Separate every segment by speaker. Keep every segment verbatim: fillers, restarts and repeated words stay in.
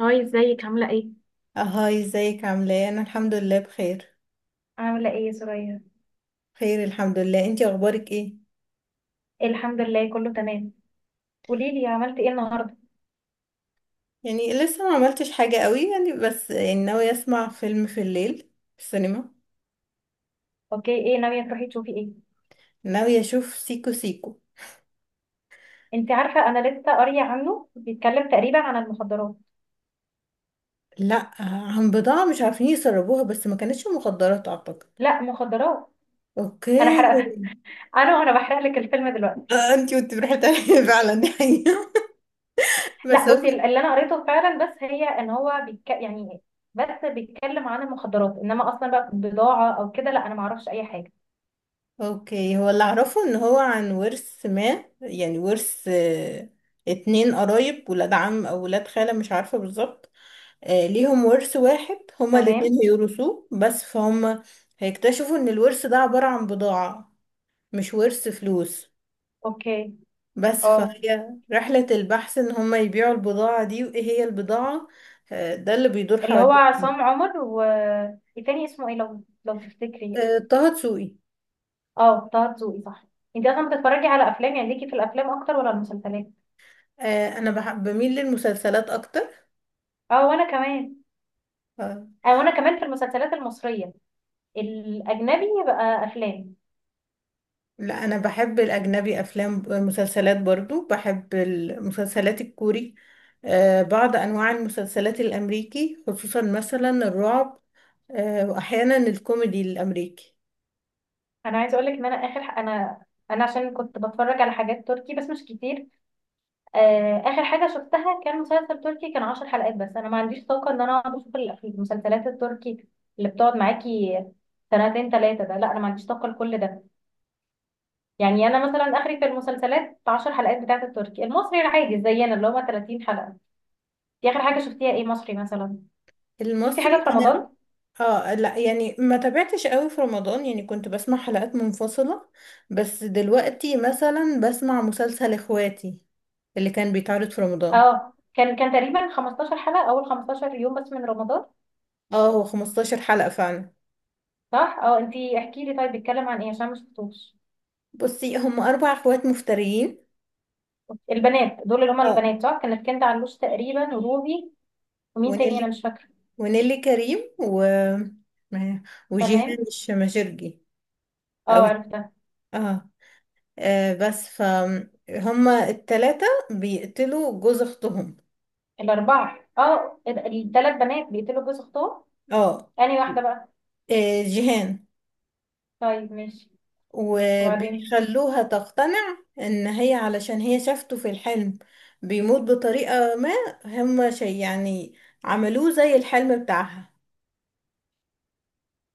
Speaker 1: هاي، ازيك؟ عاملة ايه؟
Speaker 2: هاي، ازيك؟ عامله ايه؟ انا الحمد لله بخير.
Speaker 1: عاملة ايه يا سرايا؟
Speaker 2: خير، الحمد لله. انتي اخبارك ايه؟
Speaker 1: الحمد لله كله تمام. قوليلي عملتي ايه النهاردة؟
Speaker 2: يعني لسه ما عملتش حاجه قوي، يعني بس يعني ناويه اسمع فيلم في الليل في السينما.
Speaker 1: اوكي، ايه ناوية تروحي تشوفي ايه؟
Speaker 2: ناويه اشوف سيكو سيكو.
Speaker 1: انت عارفة انا لسه قارية عنه، بيتكلم تقريبا عن المخدرات.
Speaker 2: لا، عن بضاعه مش عارفين يسربوها، بس ما كانتش مخدرات اعتقد.
Speaker 1: لا، مخدرات. انا
Speaker 2: اوكي.
Speaker 1: حرقت انا وانا بحرق لك الفيلم دلوقتي.
Speaker 2: آه، انتي كنت بتحكي فعلا دي حقيقه.
Speaker 1: لا
Speaker 2: بس هو
Speaker 1: بصي، اللي انا قريته فعلا بس هي ان هو بيتك... يعني بس بيتكلم عن المخدرات، انما اصلا بقى بضاعة او كده لا، انا معرفش اي حاجة.
Speaker 2: اوكي. هو اللي اعرفه ان هو عن ورث، ما يعني ورث. آه، اتنين قرايب، ولاد عم او ولاد خاله، مش عارفه بالظبط. آه، ليهم ورث واحد، هما الاتنين
Speaker 1: تمام.
Speaker 2: هيورثوه، بس فهم هيكتشفوا ان الورث ده عبارة عن بضاعة، مش ورث فلوس.
Speaker 1: اوكي.
Speaker 2: بس
Speaker 1: اه،
Speaker 2: فهي رحلة البحث ان هما يبيعوا البضاعة دي، وايه هي البضاعة. آه، ده اللي بيدور
Speaker 1: اللي هو
Speaker 2: حوالين.
Speaker 1: عصام عمر، والتاني اسمه ايه لو لو تفتكري؟
Speaker 2: آه، طه دسوقي.
Speaker 1: اه، طه دسوقي صح. انت اصلا بتتفرجي على افلام؟ يعني ليكي في الافلام اكتر ولا المسلسلات؟
Speaker 2: آه، انا بحب بميل للمسلسلات اكتر.
Speaker 1: اه وانا كمان.
Speaker 2: آه،
Speaker 1: اه وانا كمان في المسلسلات المصريه، الاجنبي بقى افلام.
Speaker 2: لا، انا بحب الاجنبي افلام مسلسلات، برضو بحب المسلسلات الكوري. آه، بعض انواع المسلسلات الامريكي، خصوصا مثلا الرعب. آه، واحيانا الكوميدي الامريكي.
Speaker 1: انا عايزه اقول لك ان انا اخر ح- انا انا عشان كنت بتفرج على حاجات تركي بس مش كتير. آه اخر حاجه شفتها كان مسلسل تركي، كان عشر حلقات. بس انا ما عنديش طاقه ان انا اقعد اشوف الأف- المسلسلات التركي اللي بتقعد معاكي سنتين ثلاثه، ده لا انا ما عنديش طاقه لكل ده. يعني انا مثلا اخري في المسلسلات عشر حلقات، بتاعت التركي. المصري العادي زينا اللي هما ثلاثين حلقه، دي اخر حاجه شفتيها ايه مصري مثلا؟ شفتي
Speaker 2: المصري
Speaker 1: حاجه في
Speaker 2: انا.
Speaker 1: رمضان؟
Speaker 2: اه، لا يعني ما تابعتش قوي في رمضان، يعني كنت بسمع حلقات منفصلة. بس دلوقتي مثلا بسمع مسلسل اخواتي، اللي كان بيتعرض في رمضان.
Speaker 1: اه كان كان تقريبا خمستاشر حلقه، اول خمستاشر يوم بس من رمضان.
Speaker 2: اه، هو خمستاشر حلقة فعلا.
Speaker 1: صح. اه انتي احكي لي طيب، بيتكلم عن ايه عشان ما شفتوش؟
Speaker 2: بصي، هم اربع اخوات مفتريين.
Speaker 1: البنات دول، اللي هما
Speaker 2: اه،
Speaker 1: البنات صح، كانت كنت علوش تقريبا وروبي، ومين تاني
Speaker 2: ونيلي.
Speaker 1: انا مش فاكره؟
Speaker 2: ونيلي كريم و وجيهان
Speaker 1: تمام،
Speaker 2: الشماشرجي.
Speaker 1: اه
Speaker 2: او
Speaker 1: عرفتها.
Speaker 2: اه آه، بس فهم التلاتة بيقتلوا جوز اختهم.
Speaker 1: الاربعه، اه الثلاث بنات بيقتلوا جوز اختهم.
Speaker 2: اه.
Speaker 1: انهي واحده بقى؟
Speaker 2: آه، جيهان.
Speaker 1: طيب ماشي. وبعدين؟
Speaker 2: وبيخلوها تقتنع ان هي، علشان هي شافته في الحلم بيموت بطريقة ما، هم شيء يعني عملوه زي الحلم بتاعها.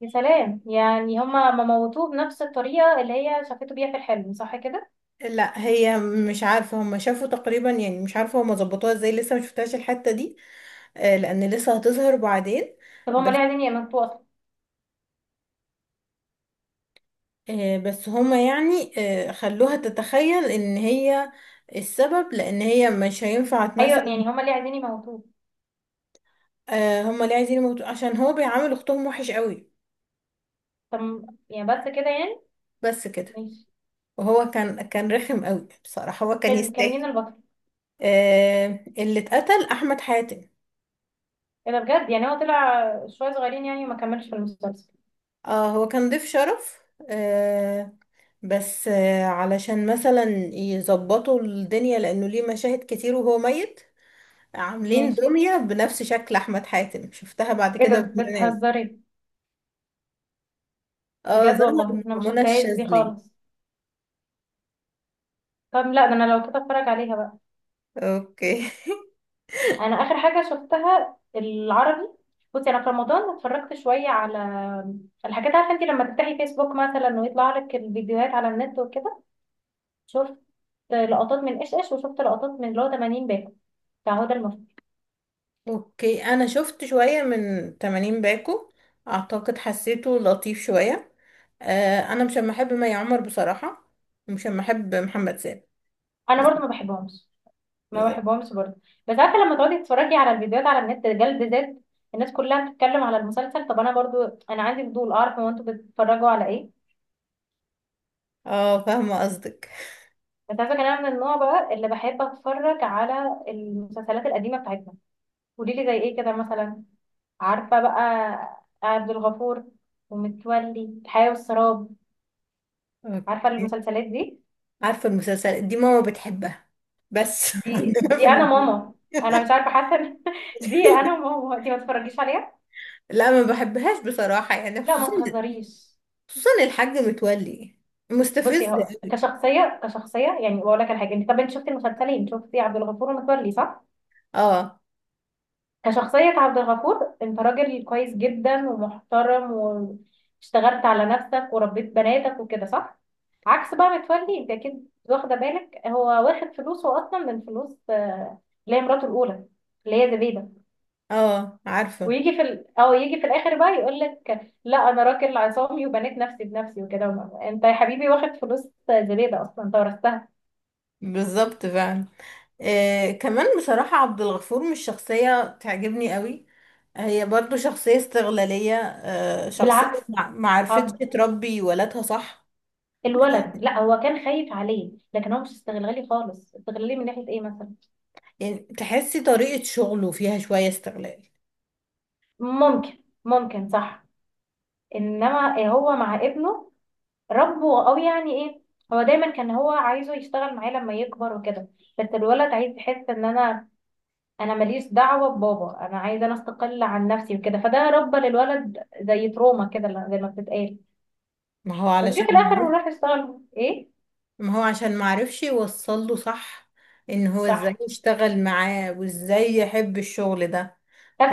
Speaker 1: يا سلام، يعني هما ما موتوه بنفس الطريقه اللي هي شافته بيها في الحلم، صح كده؟
Speaker 2: لا، هي مش عارفة، هم شافوا تقريبا يعني، مش عارفة هم ظبطوها ازاي، لسه مشفتهاش الحتة دي. آه، لان لسه هتظهر بعدين،
Speaker 1: طب هما
Speaker 2: بس،
Speaker 1: ليه عايزين يموتوه؟
Speaker 2: آه، بس هما يعني. آه، خلوها تتخيل ان هي السبب، لان هي مش هينفع
Speaker 1: ايوه،
Speaker 2: تمثل.
Speaker 1: يعني هما اللي عايزين يموتوه.
Speaker 2: آه، هما ليه عايزين يموتوا عشان هو بيعامل اختهم وحش قوي.
Speaker 1: طب يعني بس كده يعني؟
Speaker 2: بس كده.
Speaker 1: ماشي.
Speaker 2: وهو كان كان رخم قوي بصراحة، هو كان
Speaker 1: كان كان مين
Speaker 2: يستاهل.
Speaker 1: البطل؟
Speaker 2: آه، اللي اتقتل احمد حاتم.
Speaker 1: ايه ده بجد؟ يعني هو طلع شويه صغيرين يعني، وما كملش في المسلسل.
Speaker 2: اه، هو كان ضيف شرف. آه بس آه علشان مثلا يظبطوا الدنيا، لانه ليه مشاهد كتير وهو ميت. عاملين
Speaker 1: ماشي.
Speaker 2: دمية بنفس شكل احمد حاتم، شفتها بعد
Speaker 1: ايه ده
Speaker 2: كده في برنامج.
Speaker 1: بتهزري؟
Speaker 2: اه،
Speaker 1: بجد
Speaker 2: ظهر.
Speaker 1: والله انا ما
Speaker 2: مع منى
Speaker 1: شفتهاش دي
Speaker 2: الشاذلي.
Speaker 1: خالص. طب لا، ده انا لو كده اتفرج عليها بقى.
Speaker 2: اوكي.
Speaker 1: انا اخر حاجه شفتها العربي. بصي انا في رمضان اتفرجت شويه على الحاجات، عارفه انت لما تفتحي فيسبوك مثلا ويطلع لك الفيديوهات على النت وكده، شفت لقطات من ايش ايش، وشفت لقطات من اللي هو تمانين باكو بتاع هدى المفتي.
Speaker 2: اوكي، انا شفت شوية من تمانين باكو، اعتقد حسيته لطيف شوية. آه انا مش أما احب مي عمر بصراحة، ومش أما احب محمد سامي.
Speaker 1: انا برضو ما بحبهمش، ما بحبهمش برضو. بس عارفه لما تقعدي تتفرجي على الفيديوهات على النت رجال بالذات، الناس كلها بتتكلم على المسلسل، طب انا برضو انا عندي فضول اعرف هو انتوا بتتفرجوا على ايه.
Speaker 2: اه، فاهمة قصدك.
Speaker 1: بس عارفه كان انا من النوع بقى اللي بحب اتفرج على المسلسلات القديمه بتاعتنا. قولي لي زي ايه كده مثلا؟ عارفه بقى عبد الغفور، ومتولي، الحياه والسراب، عارفه
Speaker 2: اوكي.
Speaker 1: المسلسلات دي؟
Speaker 2: عارفة المسلسل دي ماما بتحبها، بس
Speaker 1: دي
Speaker 2: عندنا في
Speaker 1: دي انا
Speaker 2: البيت.
Speaker 1: ماما. انا مش عارفه، حاسه إن- دي انا ماما، دي ما تتفرجيش عليها.
Speaker 2: لا، ما بحبهاش بصراحة، يعني
Speaker 1: لا
Speaker 2: خصوصا
Speaker 1: ما تهزريش.
Speaker 2: خصوصا الحاج متولي
Speaker 1: بصي
Speaker 2: مستفز
Speaker 1: هو
Speaker 2: قوي.
Speaker 1: كشخصيه، كشخصيه يعني بقول لك الحاجه، انت طب انت شفتي المسلسلين، شفتي عبد الغفور ومتولي صح؟
Speaker 2: اه،
Speaker 1: كشخصيه عبد الغفور انت راجل كويس جدا ومحترم، واشتغلت على نفسك وربيت بناتك وكده صح. عكس بقى متولي، انت اكيد واخده بالك هو واخد فلوسه اصلا من فلوس آه، اللي هي مراته الاولى اللي هي زبيده.
Speaker 2: اه، عارفة.
Speaker 1: ويجي في ال... او يجي في الاخر بقى يقول لك لا انا راجل عصامي وبنيت نفسي بنفسي وكده. انت يا حبيبي واخد فلوس زبيده اصلا، انت ورثتها.
Speaker 2: بالظبط، فعلا. آه، كمان بصراحة عبد الغفور مش شخصية تعجبني قوي. هي برضو شخصية استغلالية، آه شخصية،
Speaker 1: بالعكس.
Speaker 2: مع- معرفتش
Speaker 1: عبد
Speaker 2: تربي ولادها، صح.
Speaker 1: الولد، لا هو كان خايف عليه، لكن هو مش استغلالي خالص. استغلالي من ناحية ايه مثلا؟
Speaker 2: يعني تحسي طريقة شغله فيها شوية استغلال.
Speaker 1: ممكن ممكن صح. انما هو مع ابنه ربه، او يعني ايه، هو دايما كان هو عايزه يشتغل معاه لما يكبر وكده. بس الولد عايز يحس ان انا انا ماليش دعوة ببابا، انا عايز انا استقل عن نفسي وكده. فده ربى للولد زي تروما كده زي ما بتتقال.
Speaker 2: ما هو
Speaker 1: بس جه
Speaker 2: علشان
Speaker 1: في الاخر
Speaker 2: معرف-
Speaker 1: وراح يشتغل ايه.
Speaker 2: ما هو عشان معرفش يوصله، صح. ان هو ازاي
Speaker 1: صح.
Speaker 2: يشتغل معاه وازاي يحب الشغل ده.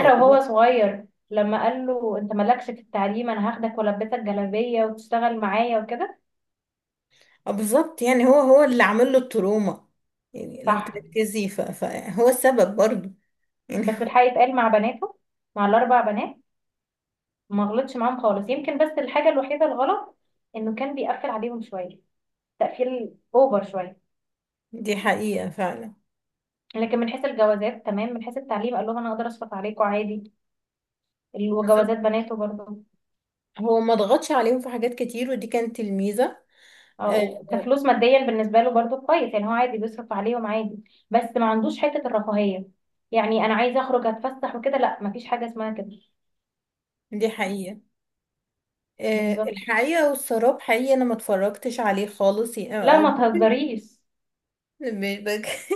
Speaker 2: هو،
Speaker 1: وهو صغير لما قال له انت مالكش في التعليم، انا هاخدك والبسك جلابية وتشتغل معايا وكده.
Speaker 2: آه، بالظبط، يعني هو هو اللي عامل له التروما. يعني لو
Speaker 1: صح.
Speaker 2: تركزي، ف- فهو السبب برضو يعني.
Speaker 1: بس الحقيقة اتقال مع بناته، مع الاربع بنات، ما غلطش معاهم خالص. يمكن بس الحاجة الوحيدة الغلط انه كان بيقفل عليهم شوية، تقفيل اوفر شوية.
Speaker 2: دي حقيقة فعلا.
Speaker 1: لكن من حيث الجوازات تمام، من حيث التعليم قال لهم انا اقدر اشفق عليكم عادي،
Speaker 2: بالظبط.
Speaker 1: وجوازات بناته برضه.
Speaker 2: هو ما ضغطش عليهم في حاجات كتير، ودي كانت الميزة. آه،
Speaker 1: او كفلوس ماديا بالنسبه له برضو كويس، يعني هو عادي بيصرف عليهم عادي. بس ما عندوش حته الرفاهيه، يعني انا عايزه اخرج اتفسح وكده، لا ما فيش حاجه اسمها كده.
Speaker 2: دي حقيقة. آه،
Speaker 1: بالظبط.
Speaker 2: الحقيقة والسراب حقيقي، أنا ما اتفرجتش عليه خالص، ي- أو
Speaker 1: لا
Speaker 2: أو
Speaker 1: ما
Speaker 2: ممكن.
Speaker 1: تهزريش.
Speaker 2: مش بك...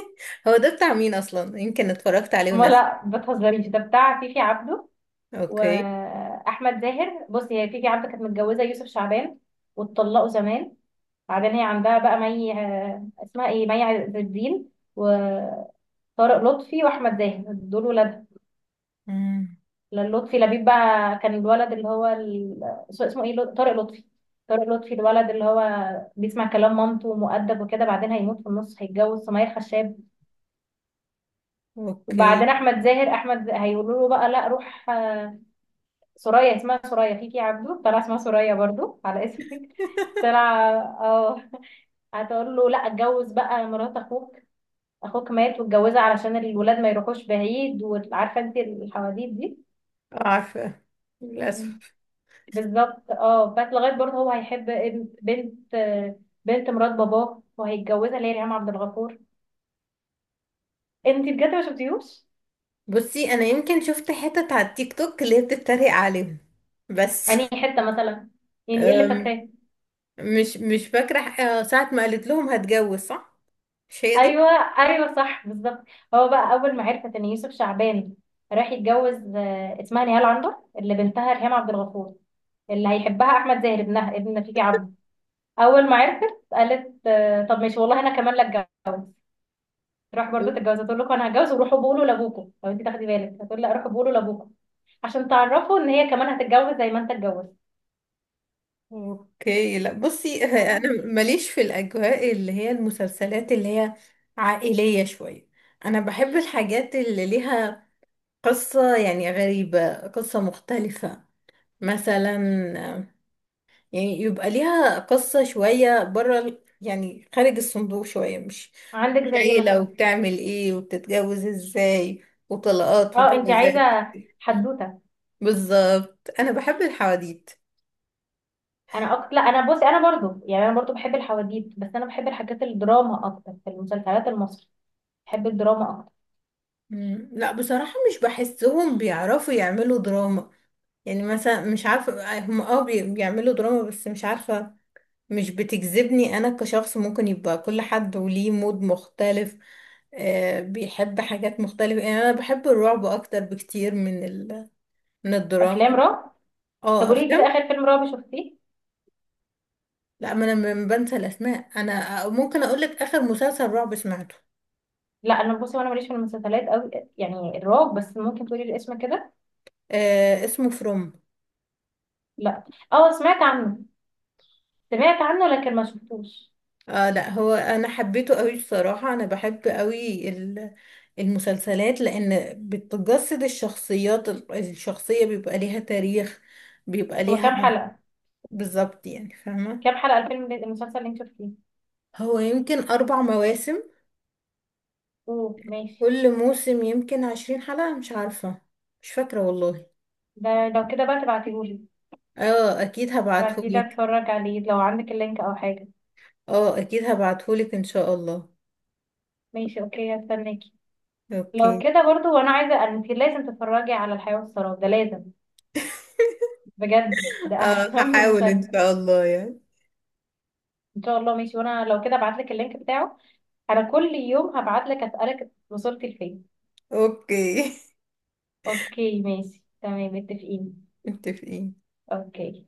Speaker 2: هو ده بتاع مين أصلا؟ يمكن اتفرجت عليه
Speaker 1: ما
Speaker 2: وناسي.
Speaker 1: لا ما تهزريش، ده بتاع فيفي عبده
Speaker 2: أوكي.
Speaker 1: واحمد زاهر. بصي هي فيفي عبده كانت متجوزه يوسف شعبان، واتطلقوا زمان. بعدين هي عندها بقى مي، آه، اسمها ايه، مي عز الدين، وطارق لطفي، واحمد زاهر، دول ولاد.
Speaker 2: مم.
Speaker 1: لأن لطفي لبيب بقى كان الولد اللي هو ال... اسمه ايه، لط- طارق لطفي. طارق لطفي الولد اللي هو بيسمع كلام مامته ومؤدب وكده، بعدين هيموت في النص، هيتجوز سمية خشاب.
Speaker 2: أوكي.
Speaker 1: وبعدين احمد زاهر، احمد هيقولوا له بقى لا روح آه، سوريا، اسمها سوريا فيكي يا عبدو، طلع اسمها سوريا برضو على اسمك. طلع اه. هتقول له لا اتجوز بقى مرات اخوك، اخوك مات واتجوزها علشان الولاد ما يروحوش بعيد، وعارفه انت الحواديت دي.
Speaker 2: عارفة. للأسف.
Speaker 1: بالظبط. اه بس لغايه برضه هو هيحب ابن- بنت، بنت مرات باباه وهيتجوزها، اللي هي ريهام عبد الغفور. انت بجد ما شفتيهوش؟
Speaker 2: بصي، أنا يمكن شفت حتت على التيك توك اللي هي بتتريق عليهم بس
Speaker 1: يعني حته مثلا، يعني ايه اللي
Speaker 2: أم،
Speaker 1: فاكراه؟
Speaker 2: مش مش فاكرة ح- آه، ساعة ما قالت لهم هتجوز، صح؟ مش هي دي؟
Speaker 1: ايوه، ايوه صح بالظبط. هو بقى اول ما عرفت ان يوسف شعبان راح يتجوز آه، اسمها نهال عنبر، اللي بنتها ريهام عبد الغفور، اللي هيحبها احمد زاهر ابنها، ابن فيفي عبده. اول ما عرفت قالت آه، طب ماشي والله انا كمان لا اتجوز. راح برضه تتجوز، تقول لكم انا هتجوز، وروحوا بقولوا لابوكم. لو انت تاخدي بالك هتقول لا، روحوا بقولوا لابوكم، عشان تعرفه ان هي كمان هتتجوز زي ما انت اتجوزت.
Speaker 2: اوكي، لا، بصي ه-
Speaker 1: فاهمة؟
Speaker 2: انا ماليش في الاجواء اللي هي المسلسلات اللي هي عائلية شوية. انا بحب الحاجات اللي ليها قصة، يعني غريبة، قصة مختلفة، مثلا. يعني يبقى ليها قصة شوية بره ال- يعني خارج الصندوق شوية، مش
Speaker 1: عندك
Speaker 2: مش
Speaker 1: زي ايه
Speaker 2: عيلة
Speaker 1: مثلا؟
Speaker 2: وبتعمل ايه وبتتجوز ازاي وطلقات
Speaker 1: اه انت
Speaker 2: وجوازات.
Speaker 1: عايزه حدوته.
Speaker 2: بالظبط، انا بحب الحواديت.
Speaker 1: انا اكتر، لا انا بصي انا برضو، يعني انا برضو بحب الحواديت، بس انا بحب الحاجات الدراما اكتر في المسلسلات المصري. بحب الدراما اكتر.
Speaker 2: مم. لا، بصراحة مش بحسهم بيعرفوا يعملوا دراما. يعني مثلا مش عارفة هم، اه بي- بيعملوا دراما بس مش عارفة. مش بتجذبني أنا كشخص، ممكن يبقى كل حد وليه مود مختلف. آه بيحب حاجات مختلفة، يعني أنا بحب الرعب أكتر بكتير من ال... من
Speaker 1: افلام
Speaker 2: الدراما.
Speaker 1: رعب. طب
Speaker 2: اه،
Speaker 1: قولي كده،
Speaker 2: أفلام.
Speaker 1: اخر فيلم رعب شفتيه؟
Speaker 2: لا، ما أنا م- بنسى الأسماء، أنا ممكن أقولك آخر مسلسل رعب سمعته.
Speaker 1: لا انا بصي وانا ماليش في المسلسلات قوي، يعني الرعب. بس ممكن تقولي الاسم كده.
Speaker 2: آه، اسمه فروم.
Speaker 1: لا. اه سمعت عنه، سمعت عنه لكن ما شفتوش.
Speaker 2: اه، لا، هو انا حبيته قوي بصراحة، انا بحب قوي ال- المسلسلات، لان بتجسد الشخصيات، ال- الشخصية بيبقى ليها تاريخ. بيبقى
Speaker 1: هو
Speaker 2: ليها
Speaker 1: كام حلقه؟
Speaker 2: بالظبط يعني، فاهمة.
Speaker 1: كام حلقه الفيلم، المسلسل اللي انت شفتيه؟
Speaker 2: هو يمكن اربع مواسم،
Speaker 1: اوه ماشي.
Speaker 2: كل موسم يمكن عشرين حلقة، مش عارفة، مش فاكرة والله.
Speaker 1: ده لو كده بقى تبعتيهولي.
Speaker 2: اه، اكيد
Speaker 1: ابعتيلي
Speaker 2: هبعتهولك.
Speaker 1: اتفرج عليه لو عندك اللينك او حاجة.
Speaker 2: اه، اكيد هبعتهولك ان شاء الله.
Speaker 1: ماشي اوكي، هستناكي. لو
Speaker 2: اوكي.
Speaker 1: كده برضو، وانا عايزة انت لازم تتفرجي على الحياة والسراب، ده لازم بجد، ده
Speaker 2: اه،
Speaker 1: اهم
Speaker 2: هحاول ان
Speaker 1: مسلسل.
Speaker 2: شاء الله يعني.
Speaker 1: ان شاء الله ماشي، وانا لو كده ابعتلك اللينك بتاعه. انا كل يوم هبعتلك اسألك وصلت لفين.
Speaker 2: اوكي.
Speaker 1: اوكي ماشي تمام، متفقين.
Speaker 2: متفقين.
Speaker 1: اوكي.